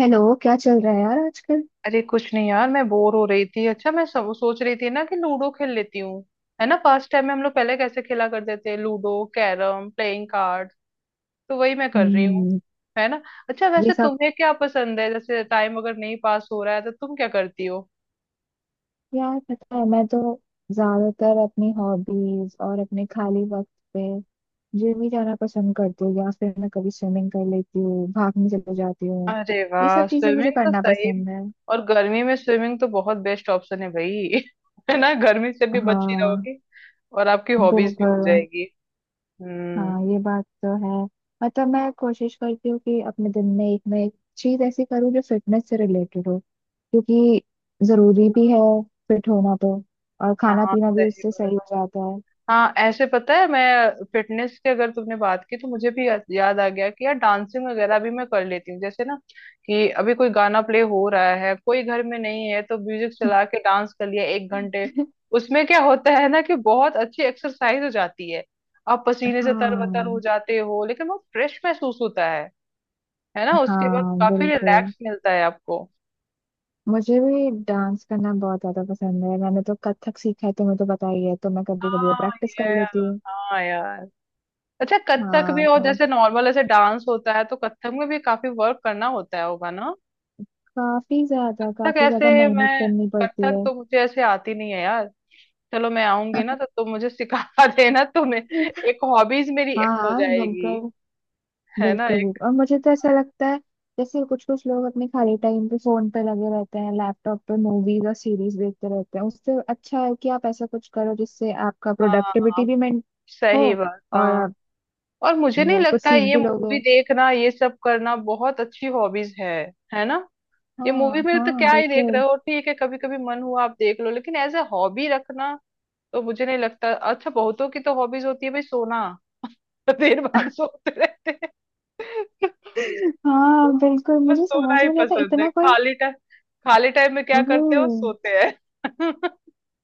Hello, क्या चल रहा है यार आजकल। अरे कुछ नहीं यार, मैं बोर हो रही थी। अच्छा, मैं सोच रही थी ना कि लूडो खेल लेती हूँ। है ना, पास्ट टाइम में हम लोग पहले कैसे खेला करते थे, लूडो, कैरम, प्लेइंग कार्ड, तो वही मैं कर रही हूँ। हम्म। है ना। अच्छा, ये वैसे सब। तुम्हें क्या पसंद है, जैसे टाइम अगर नहीं पास हो रहा है तो तुम क्या करती हो? यार पता है, मैं तो ज्यादातर अपनी हॉबीज और अपने खाली वक्त पे जिम ही जाना पसंद करती हूँ, या फिर मैं कभी स्विमिंग कर लेती हूँ, भागने चले जाती हूँ। अरे ये सब वाह, चीजें मुझे स्विमिंग तो करना सही। पसंद है। और गर्मी में स्विमिंग तो बहुत बेस्ट ऑप्शन है भाई। है ना, गर्मी से भी बची हाँ, रहोगी। और आपकी हॉबीज भी बिल्कुल। हो जाएगी। हम्म। हाँ, ये बात तो है। मतलब मैं कोशिश करती हूँ कि अपने दिन में एक ना एक चीज ऐसी करूँ जो फिटनेस से रिलेटेड हो, क्योंकि जरूरी भी है फिट होना तो। और खाना हाँ, पीना भी सही उससे बात। सही हो जाता है। हाँ, ऐसे पता है मैं फिटनेस की अगर तुमने बात की तो मुझे भी याद आ गया कि यार डांसिंग वगैरह भी मैं कर लेती हूँ। जैसे ना, कि अभी कोई गाना प्ले हो रहा है, कोई घर में नहीं है तो म्यूजिक चला के डांस कर लिया 1 घंटे। उसमें क्या होता है ना, कि बहुत अच्छी एक्सरसाइज हो जाती है। आप पसीने से तरबतर हो हाँ। जाते हो, लेकिन बहुत फ्रेश महसूस होता है। है ना, उसके बाद हाँ, काफी बिल्कुल। रिलैक्स मिलता है आपको। मुझे भी डांस करना बहुत ज्यादा पसंद है। मैंने तो कथक सीखा है, तुम्हें तो पता ही है, तो मैं कभी कभी वो हाँ प्रैक्टिस कर यार। लेती हूँ। हाँ यार। अच्छा, कथक भी, हाँ और तो जैसे नॉर्मल ऐसे डांस होता है, तो कथक में भी काफी वर्क करना होता है, होगा ना? काफी ज्यादा, कथक काफी ज्यादा ऐसे मेहनत मैं, करनी पड़ती कथक है। तो मुझे ऐसे आती नहीं है यार। चलो मैं आऊंगी ना तो तुम मुझे सिखा देना। तुम्हें, एक हॉबीज मेरी ऐड हाँ हो हाँ बिल्कुल। जाएगी। है ना, बिल्कुल एक। बिल्कुल। और मुझे तो ऐसा लगता है जैसे कुछ कुछ लोग अपने खाली टाइम पे फोन पे लगे रहते हैं, लैपटॉप पे मूवीज और सीरीज देखते रहते हैं। उससे अच्छा है कि आप ऐसा कुछ करो जिससे आपका प्रोडक्टिविटी हाँ, भी मेंट हो, सही बात। और हाँ, आप और मुझे नहीं वो कुछ लगता सीख ये भी लोगे। मूवी देखना ये सब करना बहुत अच्छी हॉबीज है। है ना, ये मूवी हाँ में तो हाँ क्या ही देख रहे बिल्कुल। हो। ठीक है, कभी कभी मन हुआ आप देख लो, लेकिन एज ए हॉबी रखना तो मुझे नहीं लगता अच्छा। बहुतों की तो हॉबीज होती है भाई सोना। देर बार सोते रहते हैं। हाँ, बिल्कुल। बस मुझे सोना समझ ही में नहीं आता पसंद है, इतना कोई। खाली टाइम। खाली टाइम में क्या वो, करते हो? सोते हैं।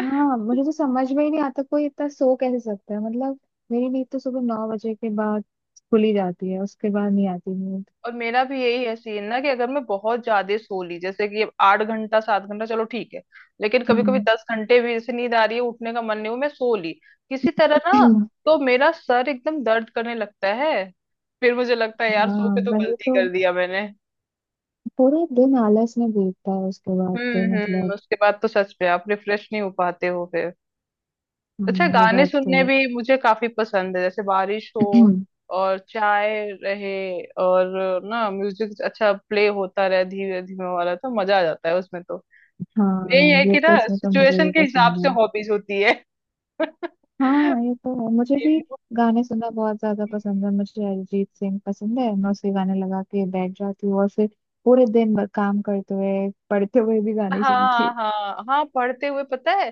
हाँ, मुझे तो समझ में ही नहीं आता कोई इतना सो कैसे सकता है। मतलब मेरी नींद तो सुबह 9 बजे के बाद खुली जाती है, उसके बाद नहीं आती नींद। और मेरा भी यही है सीन ना, कि अगर मैं बहुत ज्यादा सो ली, जैसे कि अब 8 घंटा 7 घंटा चलो ठीक है। लेकिन कभी कभी हम्म। 10 घंटे भी, जैसे नींद आ रही है, उठने का मन नहीं हो, मैं सो ली किसी तरह ना, तो मेरा सर एकदम दर्द करने लगता है। फिर मुझे लगता है यार, सो हाँ के तो वही गलती कर तो, दिया मैंने। पूरे दिन आलस में बीतता है उसके बाद तो, हम्म, मतलब। उसके बाद तो सच में आप रिफ्रेश नहीं हो पाते हो फिर। अच्छा, हाँ, ये गाने बात तो सुनने भी मुझे काफी पसंद है, जैसे बारिश हो है। और चाय रहे, और ना म्यूजिक अच्छा प्ले होता रहे, धीरे धीमे वाला, तो मजा आ जाता है उसमें तो। हाँ, यही है ये कि तो ना, इसमें तो मुझे सिचुएशन भी के हिसाब पसंद से है। हॉबीज होती है। हाँ, ये तो है मुझे भी। मूड। गाने सुनना बहुत ज्यादा पसंद है मुझे, अरिजीत सिंह पसंद है, मैं उसके गाने लगा के बैठ जाती हूँ और फिर पूरे दिन भर काम करते हुए, पढ़ते हुए भी गाने ही सुनती हाँ हूँ। हाँ हाँ, पढ़ते हुए पता है,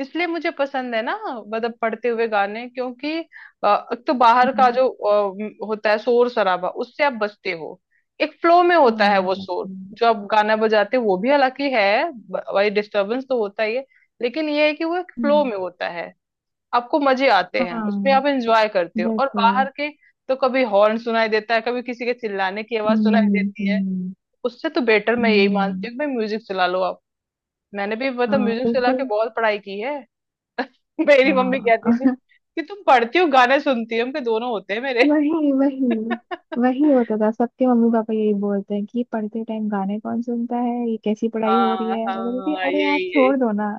इसलिए मुझे पसंद है ना, मतलब पढ़ते हुए गाने, क्योंकि एक तो बाहर का हम्म। जो होता है शोर शराबा, उससे आप बचते हो। एक फ्लो में हाँ, होता है ये वो, बात शोर तो जो है। आप गाना बजाते हो वो भी, हालांकि है भाई, डिस्टरबेंस तो होता ही है। लेकिन ये है कि वो एक फ्लो हम्म। में होता है। आपको मजे आते हैं हाँ, उसमें, आप एंजॉय करते हो, और बिल्कुल। बाहर के तो कभी हॉर्न सुनाई देता है, कभी किसी के चिल्लाने की आवाज सुनाई हम्म देती है। हम्म उससे तो बेटर मैं यही मानती हम्म। हूँ कि भाई म्यूजिक चला लो आप। मैंने भी मतलब हाँ, म्यूजिक चला के बिल्कुल। बहुत पढ़ाई की है। मेरी मम्मी कहती थी हाँ, कि तुम पढ़ती हो, गाने सुनती हो, हम के दोनों होते हैं मेरे। वही वही। वही होता था, सबके मम्मी पापा यही बोलते हैं कि पढ़ते टाइम गाने कौन सुनता है, ये कैसी पढ़ाई हो रही हाँ है। मैं बोलती थी, हाँ, अरे यार यही छोड़ यही। दो ना।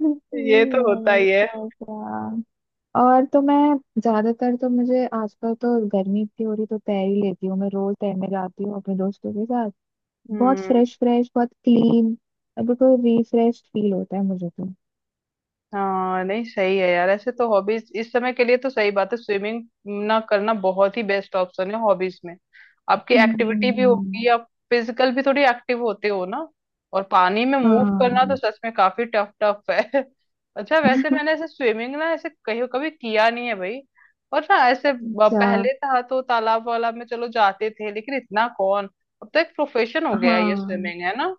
ये तो होता वही ही है। तो क्या। और तो मैं ज्यादातर तो, मुझे आजकल तो गर्मी इतनी हो रही, तो तैर ही लेती हूँ। मैं रोज तैरने जाती हूँ अपने दोस्तों के साथ। बहुत हम्म। फ्रेश फ्रेश, बहुत क्लीन, बिल्कुल रिफ्रेश फील होता है मुझे तो। हाँ, नहीं सही है यार, ऐसे तो हॉबीज इस समय के लिए तो सही बात है स्विमिंग ना करना, बहुत ही बेस्ट ऑप्शन है हॉबीज में। आपकी एक्टिविटी भी होगी, हम्म। आप फिजिकल भी थोड़ी एक्टिव होते हो ना। और पानी में मूव हाँ। करना तो सच में काफी टफ टफ है। अच्छा, वैसे मैंने ऐसे स्विमिंग ना ऐसे कहीं कभी किया नहीं है भाई। और ना ऐसे अच्छा। पहले था तो तालाब वाला में चलो जाते थे, लेकिन इतना कौन। अब तो एक प्रोफेशन हो गया है ये, हाँ स्विमिंग, है ना।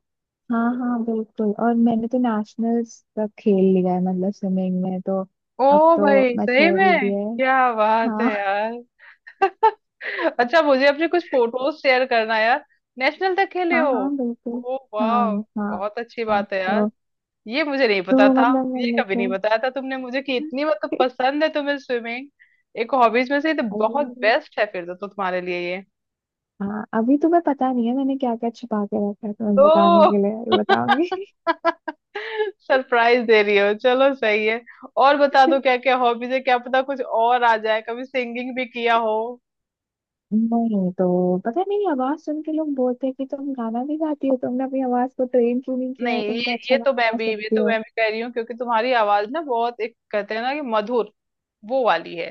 हाँ हाँ बिल्कुल, और मैंने तो नेशनल्स तक खेल लिया है मतलब स्विमिंग में तो। अब ओ तो भाई, मैं सही छोड़ ही में दिया है। क्या बात है हाँ यार। अच्छा, मुझे अपने कुछ फोटोज शेयर करना यार। नेशनल तक खेले हाँ। हो? हाँ, बिल्कुल। ओ हाँ वाह, हाँ। बहुत अच्छी हाँ, बात है यार। तो ये मुझे नहीं तो पता था। मतलब ये मैंने कभी तो, नहीं बताया था तुमने मुझे कि इतनी मतलब पसंद है तुम्हें स्विमिंग। एक हॉबीज में से ये तो बहुत अभी। बेस्ट है फिर तो तुम्हारे लिए ये हाँ, अभी तुम्हें पता नहीं है, मैंने क्या क्या छिपा के रखा है तुम्हें बताने तो। के लिए, बताऊंगी। सरप्राइज दे रही हो, चलो सही है। और बता दो क्या क्या हॉबीज है, क्या पता कुछ और आ जाए, कभी सिंगिंग भी किया हो। नहीं, तो पता नहीं, आवाज सुन के लोग बोलते हैं कि तुम गाना भी गाती हो, तुमने अपनी आवाज को ट्रेन क्यों नहीं किया नहीं है, तुम ये, तो ये अच्छा तो गाना मैं गा भी, ये सकती तो हो। मैं भी कह रही हूँ, क्योंकि तुम्हारी आवाज ना बहुत, एक कहते हैं ना कि मधुर, वो वाली है।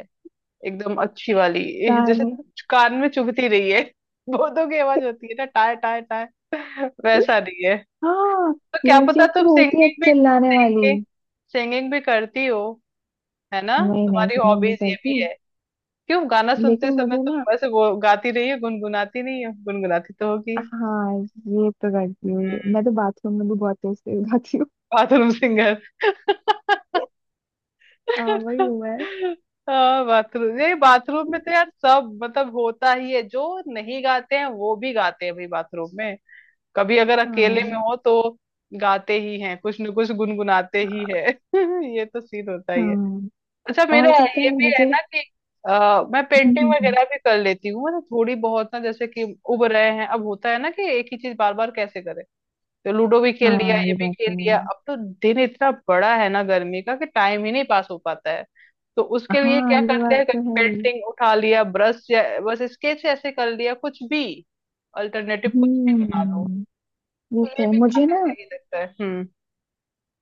एकदम अच्छी वाली ये, जैसे गाने, कान में चुभती रही है। भूतों की आवाज होती है ना, टाय टाय टाय, वैसा नहीं है। हाँ, तो क्या पता लड़कियों की तुम होती है सिंगिंग भी, चिल्लाने वाली। सिंगिंग, सिंगिंग भी करती हो, है ना, मैं नहीं, तुम्हारी सिंगिंग नहीं हॉबीज ये करती। भी है। क्यों, गाना लेकिन सुनते समय मुझे ना, तुम बस वो गाती रही हो, गुनगुनाती नहीं हो? गुनगुनाती तो होगी। हाँ, ये तो करती हूँ, मैं तो बाथरूम में भी बहुत तेज तेज गाती हूँ। Bathroom singer. हाँ, वही हुआ है। हाँ बाथरूम, नहीं बाथरूम में तो यार सब मतलब होता ही है, जो नहीं गाते हैं वो भी गाते हैं भाई बाथरूम में। कभी अगर अकेले में हाँ हो तो गाते ही हैं, कुछ न कुछ गुनगुनाते ही है। ये तो सीन होता ही है। हाँ। अच्छा, मेरा और पता ये है भी है मुझे, ना कि मैं हम्म पेंटिंग हम्म हम्म। वगैरह भी कर लेती हूँ, मतलब थोड़ी बहुत ना, जैसे कि उब रहे हैं, अब होता है ना कि एक ही चीज बार बार कैसे करें, तो लूडो भी खेल हाँ, लिया, ये ये भी बात खेल तो लिया, है। अब तो दिन इतना बड़ा है ना गर्मी का कि टाइम ही नहीं पास हो पाता है, तो उसके लिए हाँ, क्या ये करते बात हैं, तो है। पेंटिंग उठा लिया ब्रश, या बस स्केच ऐसे कर लिया कुछ भी, अल्टरनेटिव कुछ भी बना लो, हम्म। ये तो ये तो है भी मुझे काफी ना, सही लगता है। हम्म।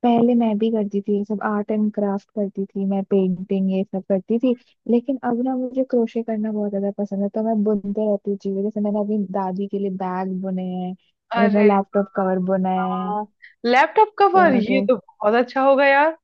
पहले मैं भी करती थी ये सब, आर्ट एंड क्राफ्ट करती थी, मैं पेंटिंग ये सब करती थी। लेकिन अब ना मुझे क्रोशे करना बहुत ज्यादा पसंद है, तो मैं बुनते रहती हूँ चीजें, जैसे मैंने अपनी दादी के लिए बैग बुने हैं, मैंने अपना अरे लैपटॉप वाह, कवर बुना है। हाँ, लैपटॉप तो कवर ये मुझे, तो बहुत अच्छा होगा यार।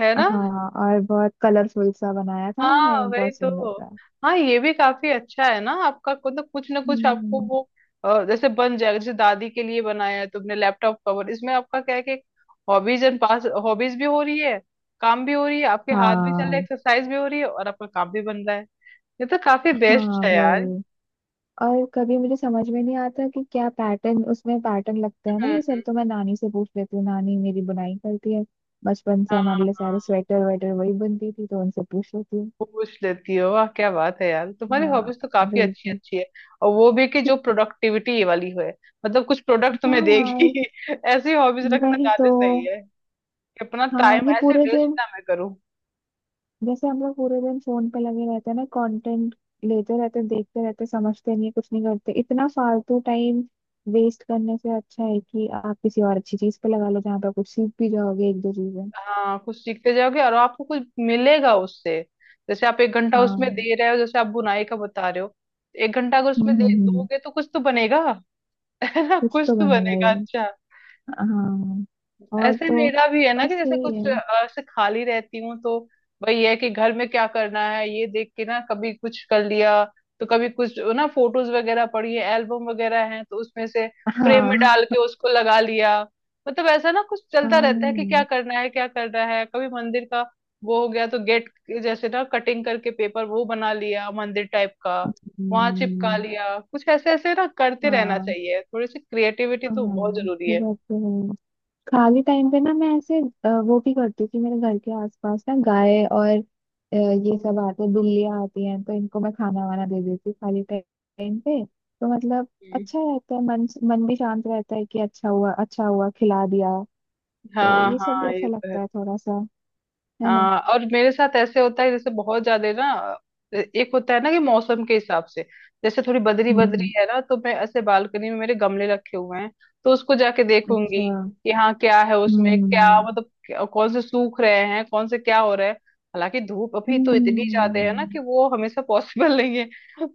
है ना। हाँ, और बहुत कलरफुल सा बनाया था हाँ मैंने, वही बहुत तो। सुंदर सा। हाँ, ये भी काफी अच्छा है ना आपका, मतलब कुछ ना कुछ आपको हम्म। वो जैसे बन जाएगा, जैसे दादी के लिए बनाया है तुमने लैपटॉप कवर, इसमें आपका क्या है कि हॉबीज एंड पास, हॉबीज भी हो रही है, काम भी हो रही है, आपके हाथ भी चल रहे हैं, हाँ एक्सरसाइज भी हो रही है, और आपका काम भी बन रहा है। ये तो काफी हाँ बेस्ट है यार। वही। और कभी मुझे समझ में नहीं आता कि क्या पैटर्न, उसमें पैटर्न लगता है ना ये हम्म। सब, तो मैं नानी से पूछ लेती हूँ, नानी मेरी बुनाई करती है, बचपन से हमारे हाँ, लिए सारे स्वेटर वेटर वही बनती थी, तो उनसे पूछ लेती हूँ। पूछ लेती हो, वाह क्या बात है यार, तुम्हारी हॉबीज तो हाँ, काफी अच्छी बिल्कुल। अच्छी है। और वो भी कि जो प्रोडक्टिविटी वाली हो, मतलब कुछ प्रोडक्ट तुम्हें हाँ यार, देगी। ऐसी हॉबीज रखना वही तो। ज्यादा सही, कि अपना हाँ, टाइम ये ऐसे पूरे वेस्ट दिन, ना मैं करूँ। जैसे हम लोग पूरे दिन फोन पे लगे रहते हैं ना, कंटेंट लेते रहते हैं, देखते रहते हैं, समझते नहीं कुछ नहीं करते। इतना फालतू टाइम वेस्ट करने से अच्छा है कि आप किसी और अच्छी चीज पे लगा लो, जहाँ पे आप कुछ सीख भी जाओगे एक दो चीजें। हाँ, कुछ सीखते जाओगे और आपको कुछ मिलेगा उससे। जैसे आप 1 घंटा उसमें हाँ। दे रहे हो, जैसे आप बुनाई का बता रहे हो, 1 घंटा अगर उसमें दे हम्म हम्म। दोगे तो कुछ तो बनेगा। है ना, कुछ कुछ तो तो बनेगा ये। बनेगा। अच्छा, हाँ। और ऐसे तो मेरा भी है ना कि बस ये जैसे कुछ है। ऐसे खाली रहती हूँ तो वही है कि घर में क्या करना है ये देख के ना, कभी कुछ कर लिया तो कभी कुछ ना, फोटोज वगैरह पड़ी है, एल्बम वगैरह है, तो उसमें से फ्रेम में डाल के हाँ उसको लगा लिया। मतलब ऐसा ना कुछ चलता रहता है कि क्या हाँ। करना है क्या करना है, कभी मंदिर का वो हो गया तो गेट, जैसे ना कटिंग करके पेपर वो बना लिया मंदिर टाइप का, वहां चिपका हम्म। लिया। कुछ ऐसे ऐसे ना करते रहना हाँ। चाहिए, थोड़ी सी क्रिएटिविटी तो हाँ, बहुत जरूरी ये है। बात तो है। खाली टाइम पे ना, मैं ऐसे वो भी करती हूँ कि मेरे घर के आसपास ना गाय और ये सब आते हैं, बिल्लियाँ आती हैं, तो इनको मैं खाना वाना दे देती हूँ खाली टाइम पे, तो मतलब हम्म। अच्छा रहता है। मन मन भी शांत रहता है कि अच्छा हुआ, अच्छा हुआ, खिला दिया। तो हाँ ये सब भी हाँ, अच्छा ये तो है। लगता है थोड़ा सा, है ना। हाँ, और मेरे साथ ऐसे होता है जैसे बहुत ज्यादा ना, एक होता है ना कि मौसम के हिसाब से, जैसे थोड़ी बदरी हम्म। बदरी है ना तो मैं ऐसे बालकनी में, मेरे गमले रखे हुए हैं, तो उसको जाके देखूंगी अच्छा। कि हाँ क्या है उसमें, क्या हम्म मतलब, कौन से सूख रहे हैं, कौन से क्या हो रहा है। हालांकि धूप अभी तो इतनी ज्यादा है ना कि हम्म। वो हमेशा पॉसिबल नहीं है,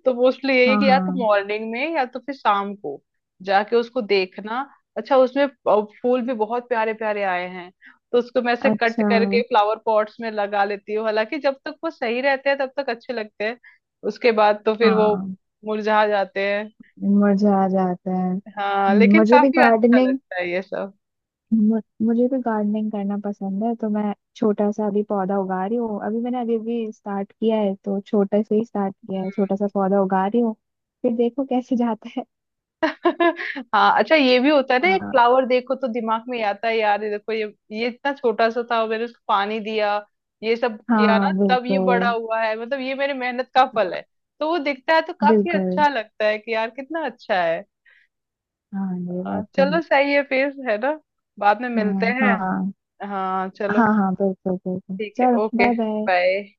तो मोस्टली यही है हाँ कि या तो हाँ। मॉर्निंग में या तो फिर शाम को जाके उसको देखना। अच्छा, उसमें फूल भी बहुत प्यारे प्यारे आए हैं, तो उसको मैं ऐसे कट अच्छा। करके फ्लावर पॉट्स में लगा लेती हूँ। हालांकि जब तक वो सही रहते हैं तब तक अच्छे लगते हैं, उसके बाद तो फिर वो हाँ, मुरझा जाते हैं। मजा आ जाता है। हाँ, लेकिन मुझे भी काफी अच्छा गार्डनिंग, लगता है ये सब। मु- मुझे भी गार्डनिंग करना पसंद है, तो मैं छोटा सा अभी पौधा उगा रही हूँ, अभी मैंने अभी अभी स्टार्ट किया है, तो छोटे से ही स्टार्ट किया है, छोटा सा पौधा उगा रही हूँ, फिर देखो कैसे जाता है। हाँ, अच्छा ये भी होता है ना, एक हाँ। फ्लावर देखो तो दिमाग में आता है यार, ये देखो ये इतना छोटा सा था, मैंने उसको पानी दिया, ये सब किया ना, हाँ तब ये बड़ा बिल्कुल हुआ है, मतलब ये मेरी मेहनत का फल है। तो वो दिखता है तो काफी बिल्कुल। अच्छा लगता है कि यार कितना अच्छा है। हाँ, ये हाँ, बात तो चलो है। सही है फिर, है ना, बाद में मिलते हाँ हैं। हाँ हाँ हाँ। चलो। हाँ, बिल्कुल बिल्कुल, ठीक है, चलो ओके, बाय बाय। बाय।